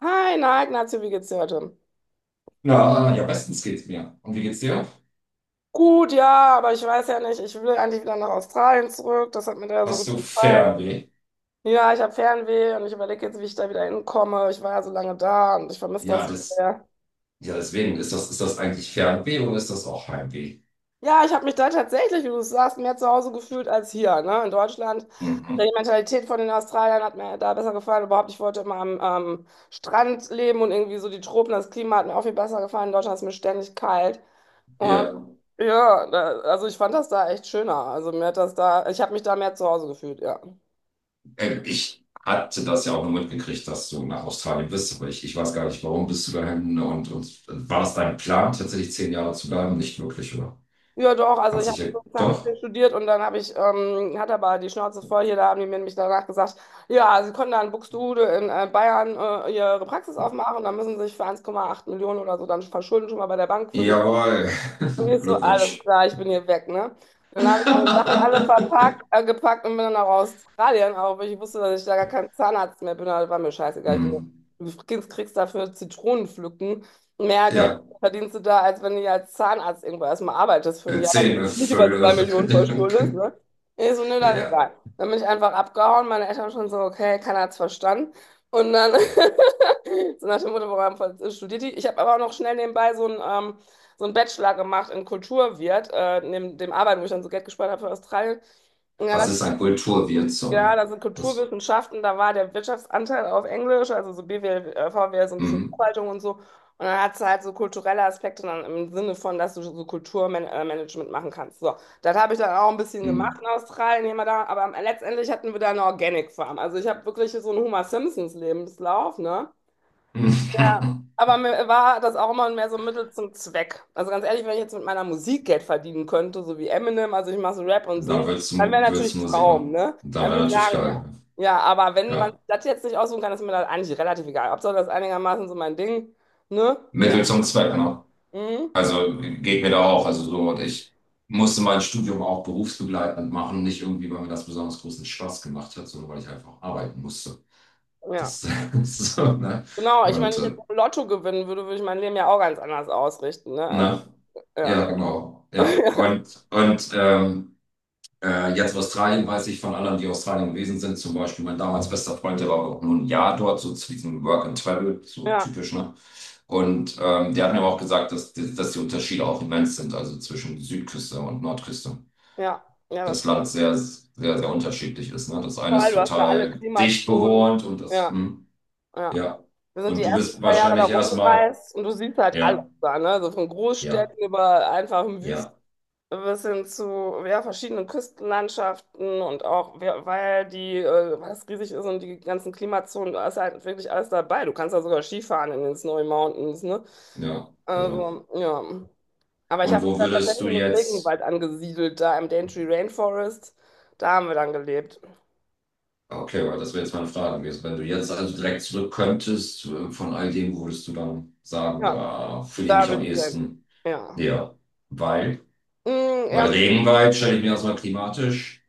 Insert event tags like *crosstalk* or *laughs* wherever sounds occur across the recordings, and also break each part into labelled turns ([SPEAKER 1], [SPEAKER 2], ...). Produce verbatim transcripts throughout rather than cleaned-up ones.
[SPEAKER 1] Hi, na, Ignacio, wie geht's dir heute?
[SPEAKER 2] Na, ja, bestens geht's mir. Und wie geht's dir?
[SPEAKER 1] Gut, ja, aber ich weiß ja nicht, ich will eigentlich wieder nach Australien zurück, das hat mir da so
[SPEAKER 2] Hast
[SPEAKER 1] gut
[SPEAKER 2] du
[SPEAKER 1] gefallen.
[SPEAKER 2] Fernweh?
[SPEAKER 1] Ja, ich habe Fernweh und ich überlege jetzt, wie ich da wieder hinkomme. Ich war ja so lange da und ich vermisse das
[SPEAKER 2] Ja,
[SPEAKER 1] so
[SPEAKER 2] das,
[SPEAKER 1] sehr.
[SPEAKER 2] ja, deswegen ist das, ist das eigentlich Fernweh oder ist das auch Heimweh?
[SPEAKER 1] Ja, ich habe mich da tatsächlich, wie du sagst, mehr zu Hause gefühlt als hier, ne, in Deutschland. Die
[SPEAKER 2] Mhm.
[SPEAKER 1] Mentalität von den Australiern hat mir da besser gefallen. Überhaupt, ich wollte immer am ähm, Strand leben und irgendwie so die Tropen, das Klima hat mir auch viel besser gefallen. In Deutschland ist mir ständig kalt. Und
[SPEAKER 2] Ja,
[SPEAKER 1] ja, da, also ich fand das da echt schöner. Also mir hat das da, ich habe mich da mehr zu Hause gefühlt, ja.
[SPEAKER 2] ähm, ich hatte das ja auch nur mitgekriegt, dass du nach Australien bist, aber ich, ich weiß gar nicht, warum bist du dahin und, und war das dein Plan, tatsächlich zehn Jahre zu bleiben? Nicht wirklich, oder?
[SPEAKER 1] Ja, doch, also
[SPEAKER 2] Hat
[SPEAKER 1] ich
[SPEAKER 2] sich ja,
[SPEAKER 1] habe Zahnmedizin
[SPEAKER 2] doch.
[SPEAKER 1] studiert und dann habe ich, ähm, hatte aber die Schnauze voll hier, da haben die mir nämlich danach gesagt, ja, sie können dann in Buxtehude in äh, Bayern äh, ihre Praxis aufmachen, dann müssen sie sich für eins Komma acht Millionen oder so dann verschulden schon mal bei der Bank für die.
[SPEAKER 2] Jawohl.
[SPEAKER 1] Und
[SPEAKER 2] *laughs*
[SPEAKER 1] ich so,
[SPEAKER 2] Glückwunsch.
[SPEAKER 1] alles klar, ich bin hier weg, ne? Dann habe ich meine Sachen alle
[SPEAKER 2] *laughs*
[SPEAKER 1] verpackt, äh, gepackt und bin dann nach Australien, auch weil ich wusste, dass ich da gar kein Zahnarzt mehr bin, aber war mir scheißegal. Ich gesagt,
[SPEAKER 2] Mhm.
[SPEAKER 1] du kriegst kriegst dafür Zitronen pflücken. Mehr Geld
[SPEAKER 2] Ja,
[SPEAKER 1] verdienst du da, als wenn du als Zahnarzt irgendwo erstmal arbeitest für ein
[SPEAKER 2] äh,
[SPEAKER 1] Jahr, damit du
[SPEAKER 2] zehn
[SPEAKER 1] nicht über
[SPEAKER 2] Vögel.
[SPEAKER 1] zwei
[SPEAKER 2] *laughs*
[SPEAKER 1] Millionen verschuldest,
[SPEAKER 2] Danke.
[SPEAKER 1] ne? Ich so, nö, dann
[SPEAKER 2] Ja.
[SPEAKER 1] egal. Dann bin ich einfach abgehauen, meine Eltern schon so, okay, keiner hat's verstanden. Und dann, *laughs* so nach dem Motto, warum studiert die? Ich habe aber auch noch schnell nebenbei so ein, ähm, so einen Bachelor gemacht in Kulturwirt, äh, neben dem Arbeiten, wo ich dann so Geld gespart habe für Australien. Und dann
[SPEAKER 2] Was
[SPEAKER 1] dachte
[SPEAKER 2] ist
[SPEAKER 1] ich,
[SPEAKER 2] ein Kulturwirt?
[SPEAKER 1] ja,
[SPEAKER 2] Sorry.
[SPEAKER 1] da sind
[SPEAKER 2] Was?
[SPEAKER 1] Kulturwissenschaften, da war der Wirtschaftsanteil auf Englisch, also so B W L, äh, V W L, so ein bisschen
[SPEAKER 2] Mhm.
[SPEAKER 1] Buchhaltung und so. Und dann hat es halt so kulturelle Aspekte dann im Sinne von, dass du so Kulturmanagement machen kannst. So, das habe ich dann auch ein bisschen gemacht in
[SPEAKER 2] Mhm.
[SPEAKER 1] Australien, hier mal da, aber letztendlich hatten wir da eine Organic Farm. Also ich habe wirklich so einen Homer Simpsons Lebenslauf, ne? Ja,
[SPEAKER 2] *laughs*
[SPEAKER 1] aber mir war das auch immer mehr so ein Mittel zum Zweck. Also ganz ehrlich, wenn ich jetzt mit meiner Musik Geld verdienen könnte, so wie Eminem, also ich mache so Rap und
[SPEAKER 2] Da
[SPEAKER 1] Singen,
[SPEAKER 2] würdest
[SPEAKER 1] dann wäre
[SPEAKER 2] du, würdest
[SPEAKER 1] natürlich
[SPEAKER 2] du Musik
[SPEAKER 1] Traum,
[SPEAKER 2] machen.
[SPEAKER 1] ne?
[SPEAKER 2] Da
[SPEAKER 1] Dann
[SPEAKER 2] wäre
[SPEAKER 1] würde ich
[SPEAKER 2] natürlich
[SPEAKER 1] sagen, ja.
[SPEAKER 2] geil.
[SPEAKER 1] Ja, aber wenn man
[SPEAKER 2] Ja.
[SPEAKER 1] das jetzt nicht aussuchen kann, ist mir das eigentlich relativ egal. Hauptsache, das ist einigermaßen so mein Ding, ne? Ja.
[SPEAKER 2] Mittel zum Zweck, ne?
[SPEAKER 1] Mhm.
[SPEAKER 2] Also geht mir da auch. Also so, und ich musste mein Studium auch berufsbegleitend machen. Nicht irgendwie, weil mir das besonders großen Spaß gemacht hat, sondern weil ich einfach arbeiten musste.
[SPEAKER 1] Ja.
[SPEAKER 2] Das *laughs* so, ne?
[SPEAKER 1] Genau, ich, wenn
[SPEAKER 2] Und,
[SPEAKER 1] ich
[SPEAKER 2] äh,
[SPEAKER 1] jetzt Lotto gewinnen würde, würde ich mein Leben ja auch ganz anders ausrichten, ne? Also,
[SPEAKER 2] ne? Ja,
[SPEAKER 1] ja.
[SPEAKER 2] genau. Ja.
[SPEAKER 1] *laughs*
[SPEAKER 2] Und. Und, ähm, Äh, jetzt Australien weiß ich von anderen, die Australien gewesen sind. Zum Beispiel mein damals bester Freund, der war auch nur ein Jahr dort, so zu diesem Work and Travel, so
[SPEAKER 1] Ja,
[SPEAKER 2] typisch, ne? Und ähm, der hat mir aber auch gesagt, dass, die- dass die Unterschiede auch immens sind, also zwischen Südküste und Nordküste.
[SPEAKER 1] ja, ja, das
[SPEAKER 2] Das Land
[SPEAKER 1] stimmt.
[SPEAKER 2] sehr, sehr, sehr unterschiedlich ist, ne? Das eine
[SPEAKER 1] Vor
[SPEAKER 2] ist
[SPEAKER 1] allem, du hast da alle
[SPEAKER 2] total dicht
[SPEAKER 1] Klimazonen.
[SPEAKER 2] bewohnt und das,
[SPEAKER 1] Ja.
[SPEAKER 2] hm,
[SPEAKER 1] Ja.
[SPEAKER 2] ja.
[SPEAKER 1] Wir sind die
[SPEAKER 2] Und du
[SPEAKER 1] ersten
[SPEAKER 2] bist
[SPEAKER 1] zwei Jahre da
[SPEAKER 2] wahrscheinlich erstmal,
[SPEAKER 1] rumgereist und du siehst halt alles
[SPEAKER 2] ja,
[SPEAKER 1] da, ne? Also von
[SPEAKER 2] ja,
[SPEAKER 1] Großstädten über einfachen Wüsten
[SPEAKER 2] ja,
[SPEAKER 1] bis hin zu ja, verschiedenen Küstenlandschaften und auch, wer- weil die, äh, was riesig ist und die ganzen Klimazonen, da ist halt wirklich alles dabei. Du kannst da sogar Skifahren in den Snowy Mountains, ne?
[SPEAKER 2] ja, genau.
[SPEAKER 1] Also, ja. Aber ich
[SPEAKER 2] Und
[SPEAKER 1] habe mich
[SPEAKER 2] wo
[SPEAKER 1] da
[SPEAKER 2] würdest
[SPEAKER 1] tatsächlich
[SPEAKER 2] du
[SPEAKER 1] im
[SPEAKER 2] jetzt.
[SPEAKER 1] Regenwald angesiedelt, da im Daintree Rainforest. Da haben wir dann gelebt.
[SPEAKER 2] Okay, aber das wäre jetzt meine Frage gewesen. Wenn du jetzt also direkt zurück könntest, äh, von all dem würdest du dann sagen,
[SPEAKER 1] Ja,
[SPEAKER 2] da fühle ich
[SPEAKER 1] da
[SPEAKER 2] mich
[SPEAKER 1] will
[SPEAKER 2] am
[SPEAKER 1] ich wieder hin.
[SPEAKER 2] ehesten
[SPEAKER 1] Ja.
[SPEAKER 2] näher. Weil,
[SPEAKER 1] Mm,
[SPEAKER 2] weil
[SPEAKER 1] ja.
[SPEAKER 2] Regenwald stelle ich mir erstmal klimatisch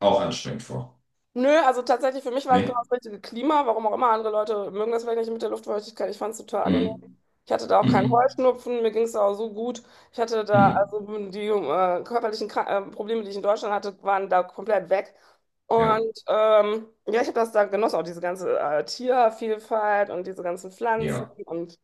[SPEAKER 2] auch anstrengend vor.
[SPEAKER 1] Nö, also tatsächlich für mich war es genau
[SPEAKER 2] Ne?
[SPEAKER 1] das richtige Klima, warum auch immer. Andere Leute mögen das vielleicht nicht mit der Luftfeuchtigkeit. Ich fand es total angenehm.
[SPEAKER 2] Mhm.
[SPEAKER 1] Ich hatte da auch keinen
[SPEAKER 2] Mhm.
[SPEAKER 1] Heuschnupfen, mir ging es auch so gut. Ich hatte da, also
[SPEAKER 2] Mhm.
[SPEAKER 1] die äh, körperlichen Kra- äh, Probleme, die ich in Deutschland hatte, waren da komplett weg.
[SPEAKER 2] Ja,
[SPEAKER 1] Und ähm, ja, ich habe das da genossen, auch diese ganze äh, Tiervielfalt und diese ganzen Pflanzen.
[SPEAKER 2] ja.
[SPEAKER 1] Und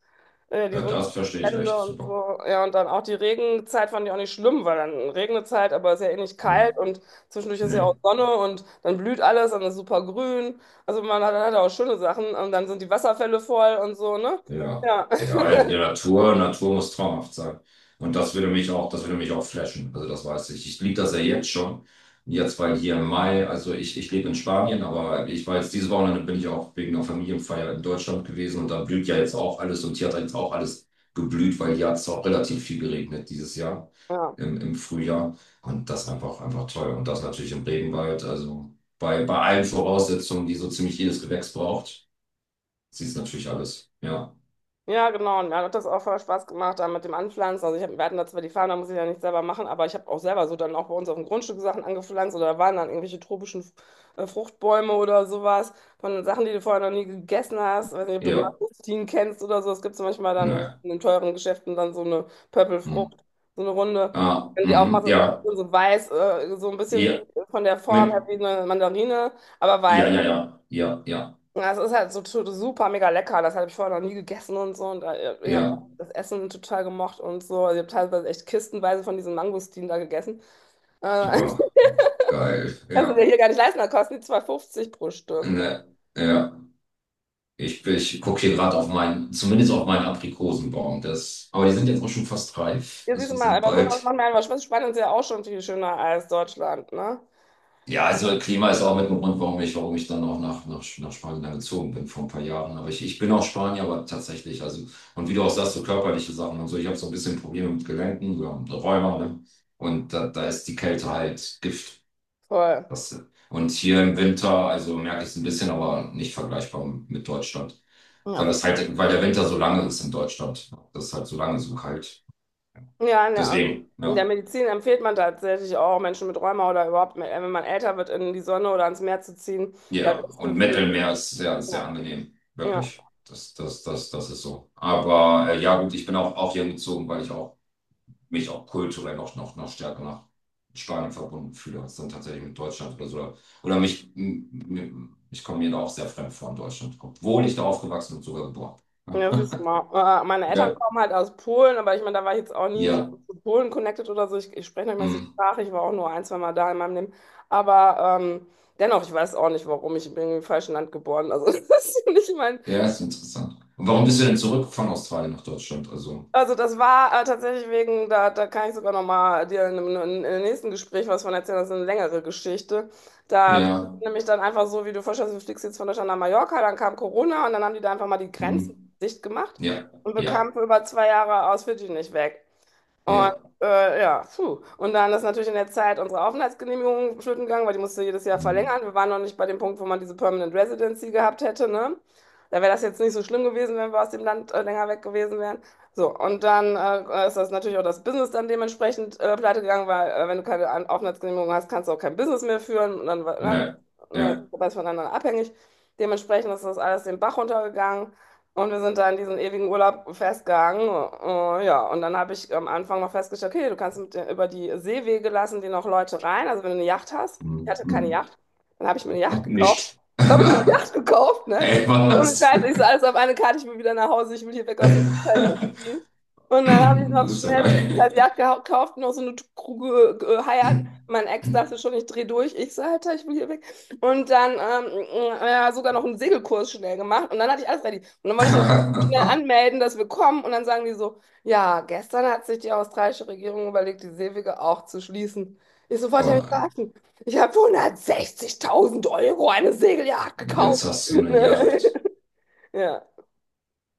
[SPEAKER 1] ja, die
[SPEAKER 2] Ja, das verstehe ich
[SPEAKER 1] Sonnenbrände
[SPEAKER 2] echt
[SPEAKER 1] und
[SPEAKER 2] super.
[SPEAKER 1] so. Ja, und dann auch die Regenzeit fand ich auch nicht schlimm, weil dann Regnezeit, aber es ist ja eh nicht kalt
[SPEAKER 2] Mhm.
[SPEAKER 1] und zwischendurch ist ja auch
[SPEAKER 2] Nee.
[SPEAKER 1] Sonne und dann blüht alles und ist super grün. Also man hat, hat auch schöne Sachen und dann sind die Wasserfälle voll und so, ne?
[SPEAKER 2] Ja,
[SPEAKER 1] Ja.
[SPEAKER 2] ja, halt, die
[SPEAKER 1] *laughs*
[SPEAKER 2] Natur, Natur muss traumhaft sein. Und das würde mich auch, das würde mich auch flashen. Also das weiß ich. Ich liebe das ja jetzt schon. Jetzt war hier im Mai, also ich, ich lebe in Spanien, aber ich war jetzt dieses Wochenende bin ich auch wegen einer Familienfeier in Deutschland gewesen und da blüht ja jetzt auch alles und hier hat jetzt auch alles geblüht, weil hier hat es auch relativ viel geregnet dieses Jahr
[SPEAKER 1] Ja.
[SPEAKER 2] im, im Frühjahr. Und das einfach, einfach toll. Und das natürlich im Regenwald. Also bei, bei allen Voraussetzungen, die so ziemlich jedes Gewächs braucht, sieht es natürlich alles. Ja.
[SPEAKER 1] Ja, genau. Und mir hat das auch voll Spaß gemacht, da mit dem Anpflanzen. Also ich hab, wir hatten da zwar die Farm, da muss ich ja nicht selber machen, aber ich habe auch selber so dann auch bei uns auf dem Grundstück Sachen angepflanzt oder da waren dann irgendwelche tropischen äh, Fruchtbäume oder sowas von Sachen, die du vorher noch nie gegessen hast. Weiß nicht, ob du
[SPEAKER 2] Ja.
[SPEAKER 1] Mangostin kennst oder so. Es gibt so manchmal dann
[SPEAKER 2] Ne.
[SPEAKER 1] in den teuren Geschäften dann so eine
[SPEAKER 2] Hm.
[SPEAKER 1] Pöppelfrucht, so eine Runde. Und
[SPEAKER 2] Ah,
[SPEAKER 1] wenn die
[SPEAKER 2] mhm.
[SPEAKER 1] aufmachst, das ist
[SPEAKER 2] Ja.
[SPEAKER 1] es so weiß, äh, so ein bisschen
[SPEAKER 2] Ja.
[SPEAKER 1] von der Form
[SPEAKER 2] Mit.
[SPEAKER 1] her wie eine Mandarine, aber
[SPEAKER 2] Ja,
[SPEAKER 1] weiß.
[SPEAKER 2] ja, ja. Ja, ja.
[SPEAKER 1] Ja, es ist halt so tu- super mega lecker. Das habe ich vorher noch nie gegessen und so. Und äh, ich habe
[SPEAKER 2] Ja.
[SPEAKER 1] das Essen total gemocht und so. Also ich habe teilweise echt kistenweise von diesen Mangostinen da gegessen. Äh,
[SPEAKER 2] Oh,
[SPEAKER 1] *laughs*
[SPEAKER 2] geil.
[SPEAKER 1] kannst du
[SPEAKER 2] Ja.
[SPEAKER 1] dir hier gar nicht leisten, da kosten die zwei fünfzig pro Stück. Ne?
[SPEAKER 2] Ne. Ja. Ich, ich gucke hier gerade auf meinen, zumindest auf meinen Aprikosenbaum. Das, aber die sind jetzt auch schon fast reif.
[SPEAKER 1] Hier
[SPEAKER 2] Also
[SPEAKER 1] siehst du
[SPEAKER 2] wir
[SPEAKER 1] mal,
[SPEAKER 2] sind
[SPEAKER 1] aber sowas
[SPEAKER 2] bald.
[SPEAKER 1] macht mir einfach Spaß. Spanien ist ja auch schon viel schöner als Deutschland, ne?
[SPEAKER 2] Ja, also Klima ist auch mit dem Grund, warum ich, warum ich dann auch nach, nach, nach Spanien dann gezogen bin vor ein paar Jahren. Aber ich, ich bin auch Spanier, aber tatsächlich, also, und wie du auch sagst, so körperliche Sachen und so, ich habe so ein bisschen Probleme mit Gelenken, so mit Rheuma, ne? Und da, da ist die Kälte halt Gift.
[SPEAKER 1] Voll.
[SPEAKER 2] Das, und hier im Winter, also merke ich es ein bisschen, aber nicht vergleichbar mit Deutschland. Weil
[SPEAKER 1] Ja,
[SPEAKER 2] das
[SPEAKER 1] wirklich.
[SPEAKER 2] halt, weil der Winter so lange ist in Deutschland. Das ist halt so lange so kalt.
[SPEAKER 1] Ja, in der,
[SPEAKER 2] Deswegen,
[SPEAKER 1] in der
[SPEAKER 2] ja.
[SPEAKER 1] Medizin empfiehlt man tatsächlich auch Menschen mit Rheuma oder überhaupt, wenn man älter wird, in die Sonne oder ans Meer zu ziehen. Das
[SPEAKER 2] Ja,
[SPEAKER 1] ist,
[SPEAKER 2] und Mittelmeer ist sehr,
[SPEAKER 1] ja,
[SPEAKER 2] sehr angenehm.
[SPEAKER 1] ja.
[SPEAKER 2] Wirklich. Das, das, das, das ist so. Aber äh, ja, gut, ich bin auch, auch hier gezogen, weil ich auch, mich auch kulturell noch, noch, noch stärker nach Spanien verbunden fühle, als dann tatsächlich mit Deutschland oder so. Oder mich, m- m- ich komme mir da auch sehr fremd vor in Deutschland, obwohl ich da aufgewachsen und sogar geboren. bin.
[SPEAKER 1] Ja,
[SPEAKER 2] *laughs*
[SPEAKER 1] siehst du mal. Äh, Meine Eltern
[SPEAKER 2] Ja,
[SPEAKER 1] kommen halt aus Polen, aber ich meine, da war ich jetzt auch nie so
[SPEAKER 2] ja,
[SPEAKER 1] zu Polen connected oder so. Ich, ich spreche nicht mehr die
[SPEAKER 2] mm.
[SPEAKER 1] Sprache. Ich war auch nur ein, zwei Mal da in meinem Leben. Aber ähm, dennoch, ich weiß auch nicht, warum ich bin im falschen Land geboren. Also, *laughs* das ist nicht mein.
[SPEAKER 2] Ja, ist interessant. Und warum bist du denn zurück von Australien nach Deutschland? Also,
[SPEAKER 1] Also das war äh, tatsächlich wegen, da, da kann ich sogar nochmal dir in, in, in einem nächsten Gespräch was von erzählen, das ist eine längere Geschichte. Da bist du
[SPEAKER 2] ja,
[SPEAKER 1] nämlich dann einfach so, wie du vorstellst, du fliegst jetzt von Deutschland nach Mallorca, dann kam Corona und dann haben die da einfach mal die Grenzen
[SPEAKER 2] mm.
[SPEAKER 1] dicht gemacht
[SPEAKER 2] Ja,
[SPEAKER 1] und wir
[SPEAKER 2] ja,
[SPEAKER 1] kamen für über zwei Jahre aus Fidschi nicht weg. Und
[SPEAKER 2] ja,
[SPEAKER 1] äh, ja, puh. Und dann ist natürlich in der Zeit unsere Aufenthaltsgenehmigung flöten gegangen, weil die musste jedes Jahr
[SPEAKER 2] mm.
[SPEAKER 1] verlängern. Wir waren noch nicht bei dem Punkt, wo man diese Permanent Residency gehabt hätte, ne? Da wäre das jetzt nicht so schlimm gewesen, wenn wir aus dem Land äh, länger weg gewesen wären. So, und dann äh, ist das natürlich auch das Business dann dementsprechend äh, pleite gegangen, weil äh, wenn du keine An- Aufenthaltsgenehmigung hast, kannst du auch kein Business mehr führen. Und dann war,
[SPEAKER 2] Ne,
[SPEAKER 1] ne, ne,
[SPEAKER 2] ja.
[SPEAKER 1] das ist voneinander abhängig. Dementsprechend ist das alles den Bach runtergegangen. Und wir sind da in diesen ewigen Urlaub festgegangen. Äh, ja, und dann habe ich am Anfang mal festgestellt, okay, du kannst mit, der- über die Seewege lassen die noch Leute rein. Also wenn du eine Yacht hast,
[SPEAKER 2] Hm,
[SPEAKER 1] ich hatte keine
[SPEAKER 2] hm.
[SPEAKER 1] Yacht, dann habe ich mir eine Yacht gekauft.
[SPEAKER 2] Nicht.
[SPEAKER 1] Habe ich mir eine
[SPEAKER 2] *laughs*
[SPEAKER 1] Yacht gekauft, ne?
[SPEAKER 2] Ey,
[SPEAKER 1] Ohne
[SPEAKER 2] was?
[SPEAKER 1] Scheiß, ich so alles auf eine Karte, ich will wieder nach Hause, ich will hier weg aus dem Scheiß. Und dann habe ich
[SPEAKER 2] *laughs*
[SPEAKER 1] noch
[SPEAKER 2] Du bist ja
[SPEAKER 1] schnell so diese
[SPEAKER 2] geil.
[SPEAKER 1] scheiß Yacht gekauft, noch so eine Kruge geheiert. Mein Ex dachte schon, ich drehe durch. Ich so, Alter, ich will hier weg. Und dann ähm, äh, ja, sogar noch einen Segelkurs schnell gemacht. Und dann hatte ich alles ready. Und dann wollte ich das schnell
[SPEAKER 2] *laughs*
[SPEAKER 1] anmelden, dass wir kommen. Und dann sagen die so, ja, gestern hat sich die australische Regierung überlegt, die Seewege auch zu schließen. Ich sofort
[SPEAKER 2] Oh
[SPEAKER 1] habe mich
[SPEAKER 2] nein.
[SPEAKER 1] verarschen. Ich habe für hundertsechzigtausend Euro eine Segeljagd
[SPEAKER 2] Jetzt
[SPEAKER 1] gekauft.
[SPEAKER 2] hast du eine Yacht.
[SPEAKER 1] *laughs* Ja,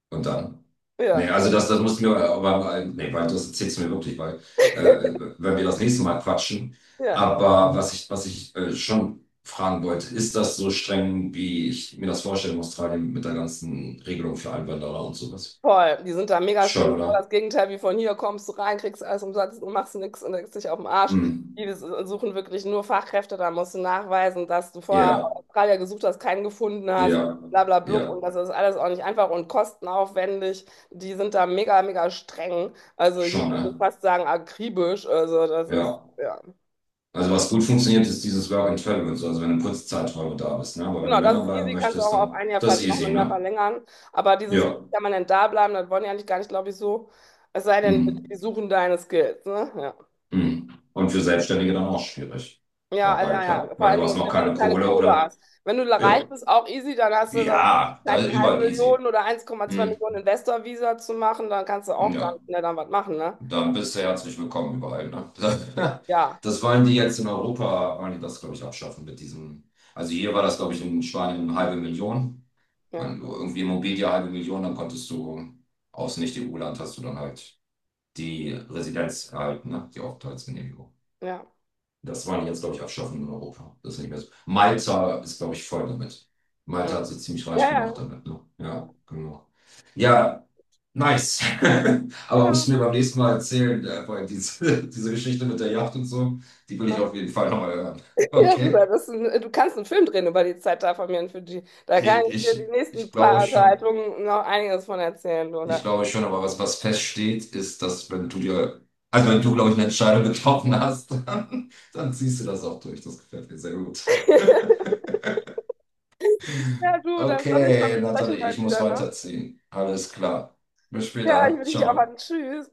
[SPEAKER 2] Und dann? Nee,
[SPEAKER 1] ja,
[SPEAKER 2] also das, das musst du mir, aber, nee, weil das erzählst du mir wirklich, weil, äh, wenn wir das nächste Mal quatschen.
[SPEAKER 1] ja.
[SPEAKER 2] Aber was ich, was ich äh, schon fragen wollte, ist das so streng, wie ich mir das vorstelle in Australien mit der ganzen Regelung für Einwanderer und sowas?
[SPEAKER 1] Voll, die sind da mega
[SPEAKER 2] Schon,
[SPEAKER 1] streng. Genau das
[SPEAKER 2] oder?
[SPEAKER 1] Gegenteil wie von hier, kommst du rein, kriegst alles umsonst und machst nichts und legst dich auf den Arsch.
[SPEAKER 2] Hm.
[SPEAKER 1] Die s- suchen wirklich nur Fachkräfte, da musst du nachweisen, dass du vorher
[SPEAKER 2] Ja.
[SPEAKER 1] Australier gesucht hast, keinen gefunden hast,
[SPEAKER 2] Ja,
[SPEAKER 1] bla bla blub.
[SPEAKER 2] ja,
[SPEAKER 1] Und das ist alles auch nicht einfach und kostenaufwendig. Die sind da mega, mega streng. Also ich
[SPEAKER 2] schon,
[SPEAKER 1] würde
[SPEAKER 2] ne?
[SPEAKER 1] fast sagen, akribisch. Also das ist,
[SPEAKER 2] Ja.
[SPEAKER 1] ja.
[SPEAKER 2] Also was gut funktioniert, ist dieses Work and Travel und so, also wenn du eine kurze Zeiträume da bist, ne? Aber wenn du
[SPEAKER 1] Genau,
[SPEAKER 2] länger
[SPEAKER 1] das ist
[SPEAKER 2] bleiben
[SPEAKER 1] easy, kannst du auch
[SPEAKER 2] möchtest,
[SPEAKER 1] auf
[SPEAKER 2] dann
[SPEAKER 1] ein Jahr,
[SPEAKER 2] das
[SPEAKER 1] ver-
[SPEAKER 2] ist
[SPEAKER 1] noch
[SPEAKER 2] easy,
[SPEAKER 1] ein Jahr
[SPEAKER 2] ne?
[SPEAKER 1] verlängern. Aber dieses
[SPEAKER 2] Ja.
[SPEAKER 1] wirklich permanent da bleiben, das wollen die eigentlich gar nicht, glaube ich, so. Es sei denn, die
[SPEAKER 2] Mhm.
[SPEAKER 1] suchen deine Skills, ne? Ja.
[SPEAKER 2] Mhm. Und für Selbstständige dann auch schwierig.
[SPEAKER 1] Ja,
[SPEAKER 2] Weil
[SPEAKER 1] ja,
[SPEAKER 2] klar,
[SPEAKER 1] ja. Vor
[SPEAKER 2] weil
[SPEAKER 1] allen
[SPEAKER 2] du hast noch
[SPEAKER 1] Dingen, wenn du
[SPEAKER 2] keine
[SPEAKER 1] keine
[SPEAKER 2] Kohle
[SPEAKER 1] Kohle
[SPEAKER 2] oder
[SPEAKER 1] hast. Wenn du reich
[SPEAKER 2] ja.
[SPEAKER 1] bist, auch easy, dann hast du dann die
[SPEAKER 2] Ja, da
[SPEAKER 1] Möglichkeit,
[SPEAKER 2] ist
[SPEAKER 1] eine halbe
[SPEAKER 2] überall easy.
[SPEAKER 1] Million oder eins Komma zwei
[SPEAKER 2] Mhm.
[SPEAKER 1] Millionen Investor-Visa zu machen, dann kannst du auch dann,
[SPEAKER 2] Ja.
[SPEAKER 1] ne, dann was machen, ne?
[SPEAKER 2] Dann bist du herzlich willkommen überall, ne? *laughs*
[SPEAKER 1] Ja,
[SPEAKER 2] Das wollen die jetzt in Europa, wollen die das, glaube ich, abschaffen mit diesem. Also hier war das, glaube ich, in Spanien eine halbe Million.
[SPEAKER 1] ja,
[SPEAKER 2] Wenn du irgendwie Immobilie halbe Million, dann konntest du aus Nicht-E U-Land hast du dann halt die Residenz erhalten, ne? Die Aufenthaltsgenehmigung.
[SPEAKER 1] ja.
[SPEAKER 2] Das wollen die jetzt, glaube ich, abschaffen in Europa. Das ist nicht mehr so. Malta ist, glaube ich, voll damit. Malta hat
[SPEAKER 1] Mhm.
[SPEAKER 2] sich ziemlich
[SPEAKER 1] Ja,
[SPEAKER 2] reich
[SPEAKER 1] ja,
[SPEAKER 2] gemacht damit. Ne? Ja, genau. Ja, nice. *laughs* Aber
[SPEAKER 1] ja.
[SPEAKER 2] musst du mir beim nächsten Mal erzählen, äh, weil diese, *laughs* diese Geschichte mit der Yacht und so, die will ich auf jeden Fall nochmal hören.
[SPEAKER 1] Ja, du,
[SPEAKER 2] Okay.
[SPEAKER 1] das ist ein, du kannst einen Film drehen über die Zeit da von mir in Fidschi. Da kann
[SPEAKER 2] Ich,
[SPEAKER 1] ich dir die
[SPEAKER 2] ich,
[SPEAKER 1] nächsten
[SPEAKER 2] ich glaube
[SPEAKER 1] paar
[SPEAKER 2] schon.
[SPEAKER 1] Unterhaltungen noch einiges von erzählen, du.
[SPEAKER 2] Ich
[SPEAKER 1] Ne?
[SPEAKER 2] glaube schon, aber was, was feststeht, ist, dass wenn du dir, also wenn du, glaube ich, eine Entscheidung getroffen hast, *laughs* dann, dann ziehst du das auch durch. Das gefällt mir sehr gut.
[SPEAKER 1] *laughs* Ja, du, dann soll ich mal
[SPEAKER 2] Okay,
[SPEAKER 1] besprechen
[SPEAKER 2] Nathalie, ich
[SPEAKER 1] bald
[SPEAKER 2] muss
[SPEAKER 1] wieder, ne?
[SPEAKER 2] weiterziehen. Alles klar. Bis
[SPEAKER 1] Ja, ich
[SPEAKER 2] später.
[SPEAKER 1] will dich nicht
[SPEAKER 2] Ciao.
[SPEAKER 1] aufhalten. Tschüss.